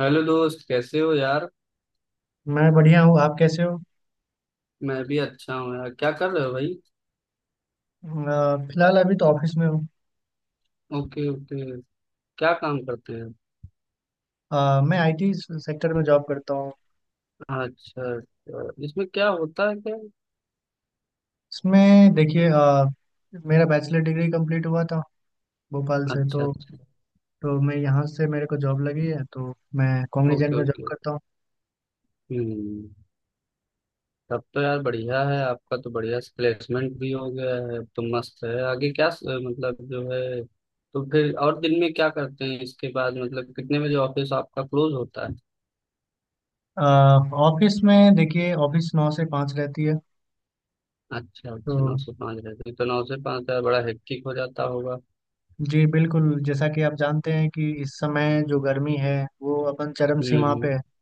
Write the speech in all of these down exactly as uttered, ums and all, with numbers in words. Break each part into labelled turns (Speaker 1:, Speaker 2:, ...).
Speaker 1: Hello दोस्त, कैसे हो यार।
Speaker 2: मैं बढ़िया हूँ। आप कैसे हो?
Speaker 1: मैं भी अच्छा हूँ यार, क्या कर रहे हो भाई।
Speaker 2: अ, फिलहाल अभी तो ऑफिस में हूँ।
Speaker 1: Okay okay. क्या काम करते हैं।
Speaker 2: अ, मैं आईटी सेक्टर में जॉब करता हूँ।
Speaker 1: अच्छा अच्छा, इसमें क्या होता है क्या।
Speaker 2: इसमें देखिए, अ, मेरा बैचलर डिग्री कंप्लीट हुआ था भोपाल से।
Speaker 1: अच्छा
Speaker 2: तो
Speaker 1: अच्छा।
Speaker 2: तो मैं यहाँ से मेरे को जॉब लगी है, तो मैं कॉग्निजेंट
Speaker 1: ओके
Speaker 2: में जॉब
Speaker 1: ओके।
Speaker 2: करता हूँ।
Speaker 1: हम्म। तब तो यार बढ़िया है, आपका तो बढ़िया प्लेसमेंट भी हो गया है, अब तो मस्त है। आगे क्या स- मतलब जो है तो फिर और दिन में क्या करते हैं इसके बाद, मतलब कितने बजे ऑफिस आपका क्लोज होता है।
Speaker 2: अ, ऑफिस में देखिए, ऑफिस नौ से पाँच रहती है।
Speaker 1: अच्छा
Speaker 2: तो
Speaker 1: अच्छा, नौ से पाँच रहते हैं, तो नौ से पाँच यार बड़ा हेक्टिक हो जाता होगा।
Speaker 2: जी बिल्कुल, जैसा कि आप जानते हैं कि इस समय जो गर्मी है वो अपन चरम
Speaker 1: हम्म
Speaker 2: सीमा पे है
Speaker 1: हम्म।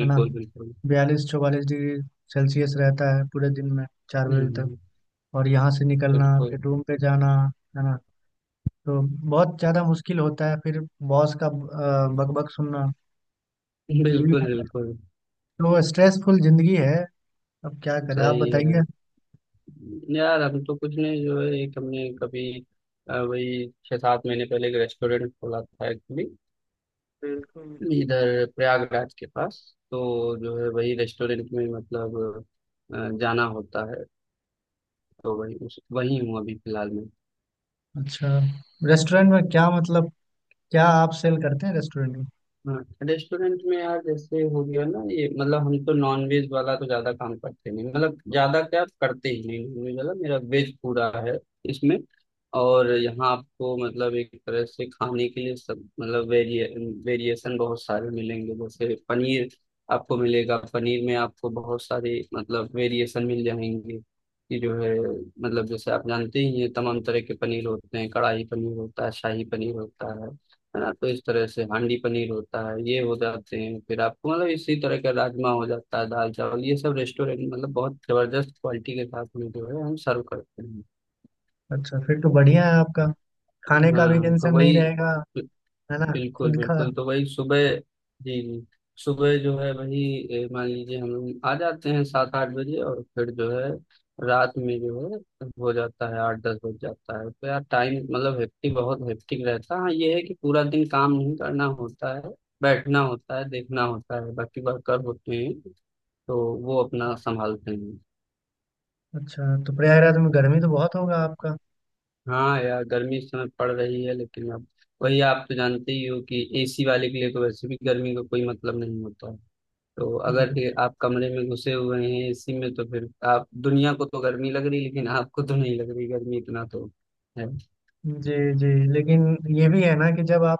Speaker 2: है ना।
Speaker 1: बिल्कुल।
Speaker 2: बयालीस चौवालीस डिग्री सेल्सियस रहता है पूरे दिन में, चार बजे तक।
Speaker 1: हम्म,
Speaker 2: और यहाँ से निकलना
Speaker 1: बिल्कुल
Speaker 2: फिर रूम पे जाना, है ना, तो बहुत ज़्यादा मुश्किल होता है। फिर बॉस का अ, बकबक सुनना, बीवी
Speaker 1: बिल्कुल।
Speaker 2: का।
Speaker 1: बिल्कुल
Speaker 2: तो स्ट्रेसफुल जिंदगी है। अब क्या करें, आप
Speaker 1: सही है।
Speaker 2: बताइए।
Speaker 1: यार हम तो कुछ नहीं, जो है एक हमने कभी अ, वही छः सात महीने पहले एक रेस्टोरेंट खोला था एक्चुअली,
Speaker 2: बिल्कुल।
Speaker 1: इधर प्रयागराज के पास। तो जो है वही रेस्टोरेंट में मतलब अ, जाना होता है। तो वही उस वही हूँ अभी फिलहाल में।
Speaker 2: अच्छा, रेस्टोरेंट में क्या मतलब, क्या आप सेल करते हैं रेस्टोरेंट में?
Speaker 1: हाँ, रेस्टोरेंट में यार जैसे हो गया ना ये, मतलब हम तो नॉन वेज वाला तो ज्यादा काम करते नहीं, मतलब ज्यादा क्या करते ही नहीं नॉन वेज वाला, मेरा वेज पूरा है इसमें। और यहाँ आपको मतलब एक तरह से खाने के लिए सब मतलब वेरिए वेरिएशन बहुत सारे मिलेंगे, जैसे पनीर आपको मिलेगा, पनीर में आपको बहुत सारे मतलब वेरिएशन मिल जाएंगे कि जो है, मतलब जैसे आप जानते ही हैं तमाम तरह के पनीर होते हैं, कढ़ाई पनीर होता है, शाही पनीर होता है है ना। तो इस तरह से हांडी पनीर होता है, ये हो जाते हैं। फिर आपको मतलब इसी तरह का राजमा हो जाता है, दाल चावल, ये सब रेस्टोरेंट मतलब बहुत जबरदस्त क्वालिटी के साथ में जो है हम सर्व करते हैं।
Speaker 2: अच्छा, फिर तो बढ़िया है आपका, खाने का भी
Speaker 1: हाँ तो
Speaker 2: टेंशन नहीं
Speaker 1: वही।
Speaker 2: रहेगा, है ना,
Speaker 1: बिल्कुल
Speaker 2: खुद का।
Speaker 1: बिल्कुल, तो वही सुबह जी जी। सुबह जो है वही ए, मान लीजिए हम लोग आ जाते हैं सात आठ बजे, और फिर जो है रात में जो है हो जाता है आठ दस बज जाता है, तो यार टाइम मतलब हेक्टिक, बहुत हेक्टिक रहता है। हाँ, ये है कि पूरा दिन काम नहीं करना होता है, बैठना होता है, देखना होता है, बाकी वर्कर होते हैं तो वो अपना संभालते हैं।
Speaker 2: अच्छा, तो प्रयागराज में गर्मी तो बहुत होगा आपका।
Speaker 1: हाँ यार, गर्मी इस समय पड़ रही है, लेकिन अब वही आप तो जानते ही हो कि एसी वाले के लिए तो वैसे भी गर्मी का कोई मतलब नहीं होता है। तो अगर
Speaker 2: हम्म,
Speaker 1: ये आप कमरे में घुसे हुए हैं एसी में, तो फिर आप दुनिया को तो गर्मी लग रही, लेकिन आपको तो नहीं लग रही गर्मी, इतना तो है।
Speaker 2: जी, जी। लेकिन ये भी है ना कि जब आप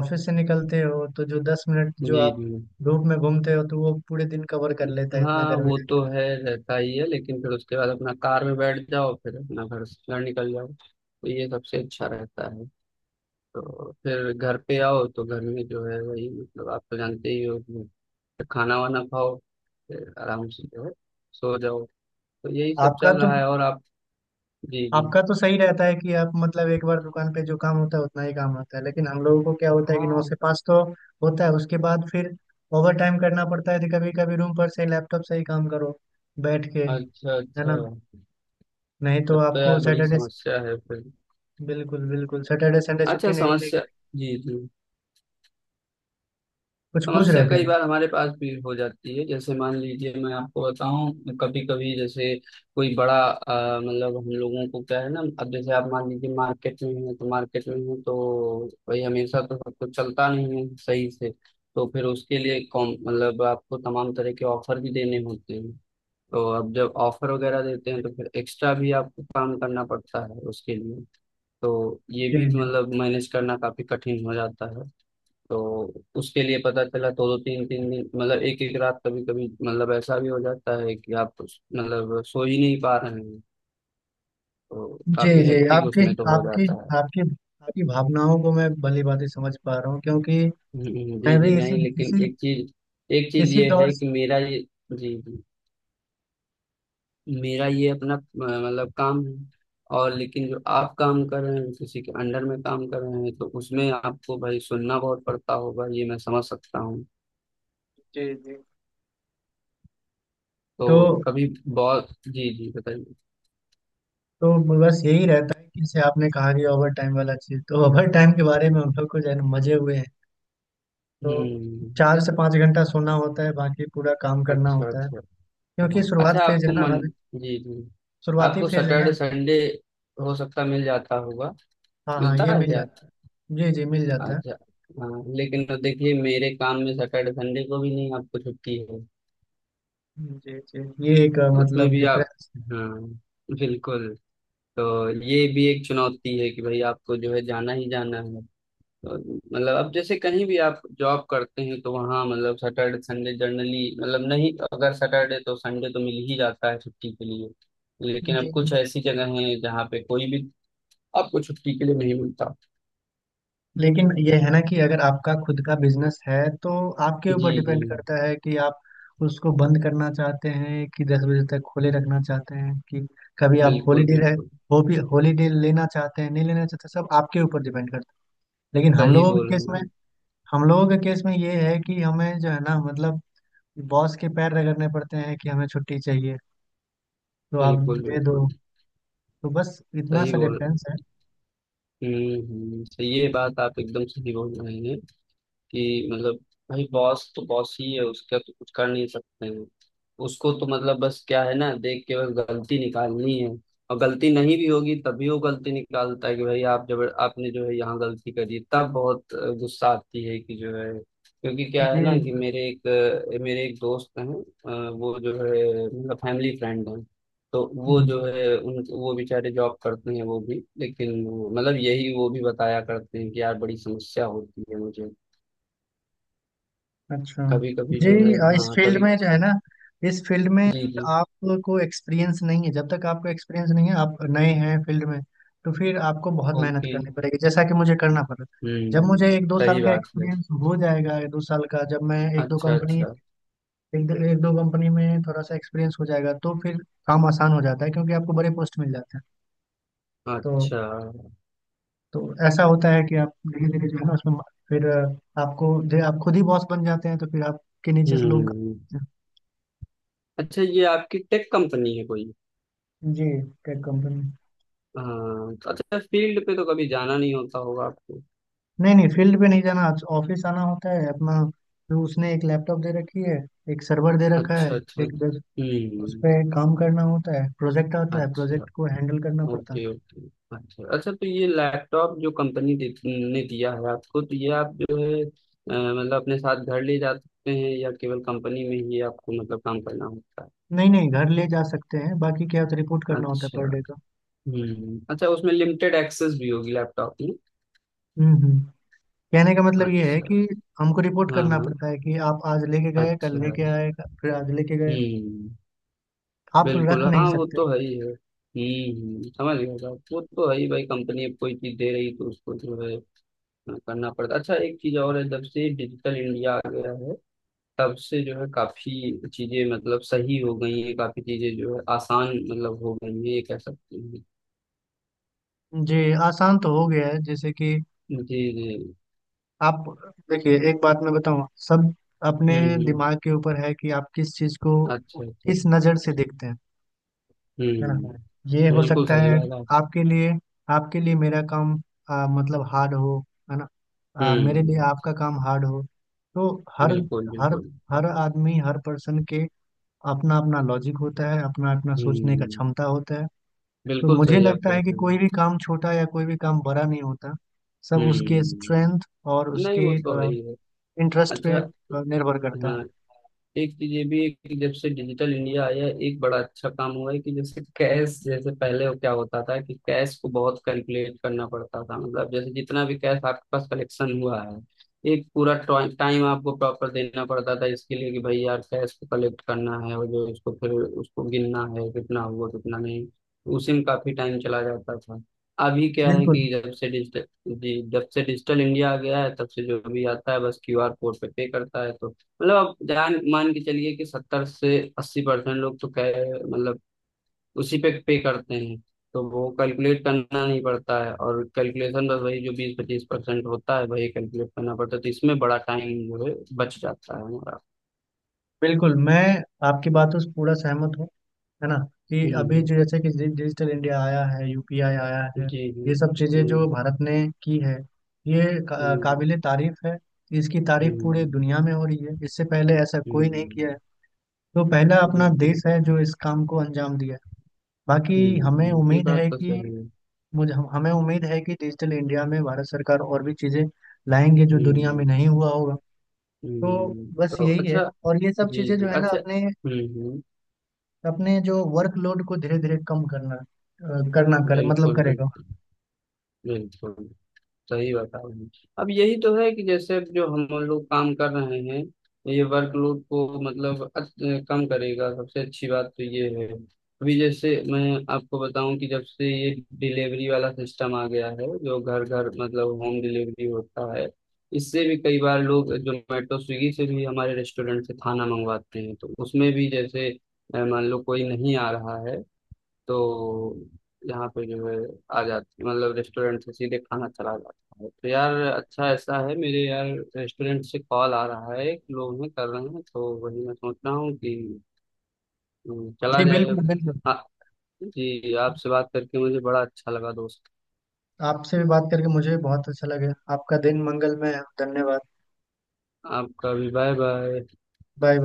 Speaker 2: ऑफिस से निकलते हो तो जो दस मिनट जो
Speaker 1: जी
Speaker 2: आप
Speaker 1: जी।
Speaker 2: धूप में घूमते हो, तो वो पूरे दिन कवर कर लेता है इतना
Speaker 1: हाँ
Speaker 2: गर्मी।
Speaker 1: वो तो है, रहता ही है, लेकिन फिर उसके बाद अपना कार में बैठ जाओ, फिर अपना घर से घर निकल जाओ, तो ये सबसे अच्छा रहता है। तो फिर घर पे आओ तो घर में जो है वही, मतलब आप तो जानते ही हो कि खाना वाना खाओ, फिर आराम से जो है सो जाओ। तो यही सब
Speaker 2: आपका
Speaker 1: चल
Speaker 2: तो
Speaker 1: रहा है, और आप। जी जी।
Speaker 2: आपका तो सही रहता है कि आप मतलब एक बार दुकान पे जो काम होता है उतना ही काम होता है। लेकिन हम लोगों को क्या होता है कि नौ
Speaker 1: हाँ,
Speaker 2: से पाँच तो होता है, उसके बाद फिर ओवर टाइम करना पड़ता है। तो कभी कभी रूम पर से लैपटॉप से ही काम करो, बैठ के,
Speaker 1: अच्छा
Speaker 2: है
Speaker 1: अच्छा।
Speaker 2: ना। नहीं तो
Speaker 1: तब तो
Speaker 2: आपको
Speaker 1: यार बड़ी
Speaker 2: सैटरडे।
Speaker 1: समस्या है फिर।
Speaker 2: बिल्कुल बिल्कुल, सैटरडे संडे छुट्टी
Speaker 1: अच्छा
Speaker 2: नहीं मिलेगी।
Speaker 1: समस्या। जी जी।
Speaker 2: कुछ पूछ
Speaker 1: समस्या
Speaker 2: रहे थे
Speaker 1: कई
Speaker 2: आप?
Speaker 1: बार हमारे पास भी हो जाती है, जैसे मान लीजिए मैं आपको बताऊं कभी कभी जैसे कोई बड़ा अ, मतलब हम लोगों को क्या है ना, अब जैसे आप मान लीजिए मार्केट में हैं तो मार्केट में हैं, तो भाई हमेशा तो सब कुछ चलता नहीं है सही से। तो फिर उसके लिए कॉम मतलब आपको तमाम तरह के ऑफर भी देने होते हैं। तो अब जब ऑफर वगैरह देते हैं तो फिर एक्स्ट्रा भी आपको काम करना पड़ता है उसके लिए। तो ये
Speaker 2: जी
Speaker 1: भी
Speaker 2: जी।
Speaker 1: मतलब मैनेज करना काफी कठिन हो जाता है। तो उसके लिए पता चला दो दो तीन तीन दिन, मतलब एक एक रात कभी कभी मतलब ऐसा भी हो जाता है कि आप मतलब सो ही नहीं पा रहे हैं। तो
Speaker 2: जी
Speaker 1: काफी
Speaker 2: जी।
Speaker 1: हेक्टिक
Speaker 2: आपकी
Speaker 1: उसमें तो हो
Speaker 2: आपकी
Speaker 1: जाता है।
Speaker 2: आपकी आपकी भावनाओं को मैं भली भांति समझ पा रहा हूँ, क्योंकि
Speaker 1: हम्म,
Speaker 2: मैं
Speaker 1: जी जी।
Speaker 2: भी इसी
Speaker 1: नहीं, लेकिन
Speaker 2: इसी
Speaker 1: एक चीज, एक चीज
Speaker 2: इसी
Speaker 1: ये
Speaker 2: दौर
Speaker 1: है
Speaker 2: से।
Speaker 1: कि मेरा ये जी जी, मेरा ये अपना अ, मतलब काम है। और लेकिन जो आप काम कर रहे हैं, किसी के अंडर में काम कर रहे हैं, तो उसमें आपको भाई सुनना बहुत पड़ता होगा, ये मैं समझ सकता हूँ।
Speaker 2: जी जी। तो
Speaker 1: तो कभी बहुत जी जी, बताइए।
Speaker 2: तो बस यही रहता है कि जैसे आपने कहा कि ओवर टाइम वाला चीज, तो ओवर टाइम के बारे में हम लोग को जो है ना मजे हुए हैं। तो
Speaker 1: हम्म।
Speaker 2: चार से पाँच घंटा सोना होता है, बाकी पूरा काम करना
Speaker 1: अच्छा
Speaker 2: होता है।
Speaker 1: अच्छा।
Speaker 2: क्योंकि
Speaker 1: हाँ,
Speaker 2: शुरुआत
Speaker 1: अच्छा
Speaker 2: फेज
Speaker 1: आपको
Speaker 2: है ना
Speaker 1: मन
Speaker 2: अभी।
Speaker 1: जी जी,
Speaker 2: शुरुआती
Speaker 1: आपको
Speaker 2: फेज है ना।
Speaker 1: सैटरडे संडे हो सकता मिल जाता होगा।
Speaker 2: हाँ हाँ,
Speaker 1: मिलता
Speaker 2: ये
Speaker 1: है
Speaker 2: मिल
Speaker 1: क्या।
Speaker 2: जाता है। जी जी, मिल जाता है।
Speaker 1: अच्छा। हाँ, लेकिन तो देखिए मेरे काम में सैटरडे संडे को भी नहीं, आपको छुट्टी है
Speaker 2: जी जी, ये एक अ,
Speaker 1: उसमें
Speaker 2: मतलब
Speaker 1: भी आप।
Speaker 2: डिफरेंस।
Speaker 1: हाँ, बिल्कुल। तो ये भी एक चुनौती है कि भाई आपको जो है जाना ही जाना है। तो मतलब अब जैसे कहीं भी आप जॉब करते हैं, तो वहाँ मतलब सैटरडे संडे जनरली, मतलब नहीं अगर सैटरडे तो संडे तो मिल ही जाता है छुट्टी के लिए। लेकिन अब कुछ ऐसी जगह हैं जहाँ पे कोई भी आपको छुट्टी के लिए नहीं मिलता।
Speaker 2: लेकिन ये है ना कि अगर आपका खुद का बिजनेस है, तो आपके
Speaker 1: जी
Speaker 2: ऊपर
Speaker 1: जी।
Speaker 2: डिपेंड करता है कि आप उसको बंद करना चाहते हैं कि दस बजे तक खोले रखना चाहते हैं, कि कभी आप
Speaker 1: बिल्कुल
Speaker 2: हॉलीडे रहे,
Speaker 1: बिल्कुल।
Speaker 2: वो भी हॉलीडे लेना चाहते हैं, नहीं लेना चाहते। सब आपके ऊपर डिपेंड करता है। लेकिन हम
Speaker 1: सही
Speaker 2: लोगों के
Speaker 1: बोल रहे
Speaker 2: केस
Speaker 1: हैं
Speaker 2: में
Speaker 1: आप।
Speaker 2: हम लोगों के केस में ये है कि हमें जो है ना मतलब बॉस के पैर रगड़ने पड़ते हैं कि हमें छुट्टी चाहिए, तो आप
Speaker 1: बिल्कुल
Speaker 2: दे दो।
Speaker 1: बिल्कुल।
Speaker 2: तो बस इतना
Speaker 1: सही
Speaker 2: सा
Speaker 1: बोल
Speaker 2: डिफरेंस है।
Speaker 1: हम्म हम्म, तो ये बात आप एकदम सही बोल रहे हैं कि मतलब भाई बॉस तो बॉस ही है, उसका तो कुछ कर नहीं सकते हैं। उसको तो मतलब बस क्या है ना, देख के बस गलती निकालनी है, और गलती नहीं भी होगी तभी वो गलती निकालता है कि भाई आप जब आपने जो है यहाँ गलती करी, तब बहुत अ, गुस्सा आती है कि जो है, क्योंकि क्या है ना कि
Speaker 2: जी।
Speaker 1: मेरे एक अ, मेरे एक दोस्त हैं, अ, वो जो है मतलब फैमिली फ्रेंड हैं, तो वो
Speaker 2: हम्म।
Speaker 1: जो है उन वो बेचारे जॉब करते हैं वो भी, लेकिन मतलब यही वो भी बताया करते हैं कि यार बड़ी समस्या होती है मुझे
Speaker 2: अच्छा।
Speaker 1: कभी कभी
Speaker 2: जी,
Speaker 1: जो है।
Speaker 2: अ, इस
Speaker 1: हाँ,
Speaker 2: फील्ड
Speaker 1: कभी
Speaker 2: में जो है ना, इस फील्ड में
Speaker 1: जी
Speaker 2: अगर
Speaker 1: जी।
Speaker 2: आपको एक्सपीरियंस नहीं है, जब तक आपको एक्सपीरियंस नहीं है आप नए हैं फील्ड में, तो फिर आपको बहुत मेहनत
Speaker 1: ओके।
Speaker 2: करनी पड़ेगी, जैसा कि मुझे करना पड़ा। जब मुझे
Speaker 1: हम्म।
Speaker 2: एक दो साल
Speaker 1: सही
Speaker 2: का
Speaker 1: बात है।
Speaker 2: एक्सपीरियंस हो जाएगा, एक दो साल का, जब मैं एक दो
Speaker 1: अच्छा
Speaker 2: कंपनी
Speaker 1: अच्छा।
Speaker 2: एक दो, एक दो कंपनी में थोड़ा सा एक्सपीरियंस हो जाएगा, तो फिर काम आसान हो जाता है क्योंकि आपको बड़े पोस्ट मिल जाते हैं। तो
Speaker 1: अच्छा।
Speaker 2: तो ऐसा होता है कि आप धीरे धीरे जो है ना उसमें फिर अ, आपको आपको खुद ही बॉस बन जाते हैं, तो फिर आपके नीचे से लोग।
Speaker 1: हम्म। अच्छा, ये आपकी टेक कंपनी है कोई।
Speaker 2: जी, टेक कंपनी।
Speaker 1: हाँ, तो अच्छा फील्ड पे तो कभी जाना नहीं होता होगा आपको।
Speaker 2: नहीं नहीं, फील्ड पे नहीं जाना। ऑफिस आना होता है अपना, जो उसने एक लैपटॉप दे रखी है, एक सर्वर दे रखा है।
Speaker 1: अच्छा अच्छा
Speaker 2: एक दस, उस
Speaker 1: हम्म।
Speaker 2: पे काम करना होता है, प्रोजेक्ट आता है,
Speaker 1: अच्छा।
Speaker 2: प्रोजेक्ट को हैंडल करना पड़ता है।
Speaker 1: Okay okay. अच्छा अच्छा, तो ये लैपटॉप जो कंपनी दे, ने दिया है आपको, तो ये आप जो है अ, मतलब अपने साथ घर ले जा सकते हैं या केवल कंपनी में ही आपको मतलब काम करना होता
Speaker 2: नहीं नहीं, घर ले जा सकते हैं, बाकी क्या होता है रिपोर्ट
Speaker 1: है।
Speaker 2: करना होता है
Speaker 1: अच्छा।
Speaker 2: पर डे का।
Speaker 1: हम्म, अच्छा उसमें लिमिटेड एक्सेस भी होगी लैपटॉप में।
Speaker 2: हम्म हम्म। कहने का मतलब ये है
Speaker 1: अच्छा।
Speaker 2: कि हमको रिपोर्ट
Speaker 1: हाँ
Speaker 2: करना
Speaker 1: हाँ।
Speaker 2: पड़ता है कि आप आज लेके गए,
Speaker 1: अच्छा।
Speaker 2: कल लेके आए, फिर आज लेके गए।
Speaker 1: हम्म।
Speaker 2: आप रख
Speaker 1: बिल्कुल
Speaker 2: नहीं
Speaker 1: हाँ, वो
Speaker 2: सकते।
Speaker 1: तो है ही है। हम्म, समझ गया साहब, वो तो है ही भाई, कंपनी अब कोई चीज दे रही तो उसको जो है अ, करना पड़ता। अच्छा एक चीज और है, जब से डिजिटल इंडिया आ गया है, तब से जो है काफी चीजें मतलब सही हो गई हैं, काफी चीजें जो है आसान मतलब हो गई हैं, ये कह सकते हैं।
Speaker 2: जी, आसान तो हो गया है, जैसे कि
Speaker 1: जी जी।
Speaker 2: आप, देखिए एक बात मैं बताऊं, सब अपने
Speaker 1: हम्म हम्म।
Speaker 2: दिमाग के ऊपर है कि आप किस चीज को
Speaker 1: अच्छा अच्छा।
Speaker 2: किस नजर से देखते हैं, है
Speaker 1: हम्म।
Speaker 2: ना। ये हो
Speaker 1: बिल्कुल
Speaker 2: सकता
Speaker 1: सही
Speaker 2: है
Speaker 1: बात है।
Speaker 2: आपके लिए आपके लिए मेरा काम आ, मतलब हार्ड हो, है ना, आ, मेरे लिए
Speaker 1: हम्म।
Speaker 2: आपका काम हार्ड हो। तो हर
Speaker 1: बिल्कुल
Speaker 2: हर
Speaker 1: बिल्कुल।
Speaker 2: हर आदमी हर पर्सन के अपना अपना लॉजिक होता है, अपना अपना सोचने का
Speaker 1: हम्म।
Speaker 2: क्षमता होता है। तो
Speaker 1: बिल्कुल
Speaker 2: मुझे
Speaker 1: सही आप
Speaker 2: लगता
Speaker 1: कह
Speaker 2: है कि
Speaker 1: रहे हैं।
Speaker 2: कोई भी काम छोटा या कोई भी काम बड़ा नहीं होता, सब उसके स्ट्रेंथ
Speaker 1: हम्म।
Speaker 2: और
Speaker 1: नहीं
Speaker 2: उसके
Speaker 1: वो तो है ही है।
Speaker 2: इंटरेस्ट पे
Speaker 1: अच्छा।
Speaker 2: अ, निर्भर करता है।
Speaker 1: हाँ, एक चीज ये भी है कि जब से डिजिटल इंडिया आया है, एक बड़ा अच्छा काम हुआ है कि जैसे कैश, जैसे पहले वो क्या होता था कि कैश को बहुत कैलकुलेट करना पड़ता था, मतलब जैसे जितना भी कैश आपके पास कलेक्शन हुआ है, एक पूरा टाइम आपको प्रॉपर देना पड़ता था इसके लिए कि भाई यार कैश को कलेक्ट करना है, और जो इसको फिर उसको गिनना है कितना हुआ कितना नहीं, उसी में काफी टाइम चला जाता था। अभी क्या है
Speaker 2: बिल्कुल
Speaker 1: कि जब से डिजिटल जी, जब से डिजिटल इंडिया आ गया है, तब से जो भी आता है बस क्यूआर कोड पे पे करता है, तो मतलब आप जान मान के चलिए कि सत्तर से अस्सी परसेंट लोग तो कह मतलब उसी पे पे करते हैं, तो वो कैलकुलेट करना नहीं पड़ता है, और कैलकुलेशन बस वही जो बीस पच्चीस परसेंट होता है वही कैलकुलेट करना पड़ता है, तो इसमें बड़ा टाइम जो है बच जाता है हमारा।
Speaker 2: बिल्कुल, मैं आपकी बातों से पूरा सहमत हूँ। है ना कि अभी
Speaker 1: हम्म,
Speaker 2: जो जैसे कि डि- डिजिटल इंडिया आया है, यूपीआई आया
Speaker 1: जी
Speaker 2: है,
Speaker 1: जी।
Speaker 2: ये सब चीज़ें
Speaker 1: जी
Speaker 2: जो भारत ने की है, ये
Speaker 1: जी।
Speaker 2: का, काबिले
Speaker 1: हम्म
Speaker 2: तारीफ है। इसकी तारीफ पूरे दुनिया में हो रही है, इससे पहले ऐसा कोई नहीं किया
Speaker 1: हम्म,
Speaker 2: है। तो पहला
Speaker 1: जी
Speaker 2: अपना
Speaker 1: जी।
Speaker 2: देश है जो इस काम को अंजाम दिया है। बाकी हमें
Speaker 1: हम्म, ये
Speaker 2: उम्मीद
Speaker 1: बात
Speaker 2: है
Speaker 1: तो
Speaker 2: कि
Speaker 1: सही है।
Speaker 2: मुझे हम- हमें उम्मीद है कि डिजिटल इंडिया में भारत सरकार और भी चीज़ें लाएंगे जो दुनिया में नहीं
Speaker 1: हम्म
Speaker 2: हुआ होगा। तो
Speaker 1: हम्म।
Speaker 2: बस
Speaker 1: तो
Speaker 2: यही है।
Speaker 1: अच्छा।
Speaker 2: और ये सब
Speaker 1: जी
Speaker 2: चीजें
Speaker 1: जी,
Speaker 2: जो है ना
Speaker 1: अच्छा।
Speaker 2: अपने
Speaker 1: हम्म हम्म।
Speaker 2: अपने जो वर्कलोड को धीरे धीरे कम करना अ, करना कर मतलब
Speaker 1: बिल्कुल
Speaker 2: करेगा।
Speaker 1: बिल्कुल। बिल्कुल सही बता रहे हैं। अब यही तो है कि जैसे अब जो हम लोग काम कर रहे हैं, ये वर्कलोड को मतलब अच- कम करेगा, सबसे अच्छी बात तो ये है। अभी जैसे मैं आपको बताऊं कि जब से ये डिलीवरी वाला सिस्टम आ गया है, जो घर घर मतलब होम डिलीवरी होता है, इससे भी कई बार लोग जोमेटो स्विगी से भी हमारे रेस्टोरेंट से खाना मंगवाते हैं, तो उसमें भी जैसे अ, मान लो कोई नहीं आ रहा है, तो यहाँ पे जो है आ जाती मतलब रेस्टोरेंट से सीधे खाना चला जाता है। तो यार अच्छा, ऐसा है मेरे यार, रेस्टोरेंट से कॉल आ रहा है, एक लोग हैं कर रहे हैं, तो वही मैं सोच रहा हूँ कि हम्म, चला
Speaker 2: जी
Speaker 1: जाए अब।
Speaker 2: बिल्कुल बिल्कुल।
Speaker 1: हाँ, जी आपसे बात करके मुझे बड़ा अच्छा लगा दोस्त।
Speaker 2: आपसे भी बात करके मुझे भी बहुत अच्छा लगे। आपका दिन मंगलमय है। धन्यवाद।
Speaker 1: आपका भी, बाय बाय।
Speaker 2: बाय।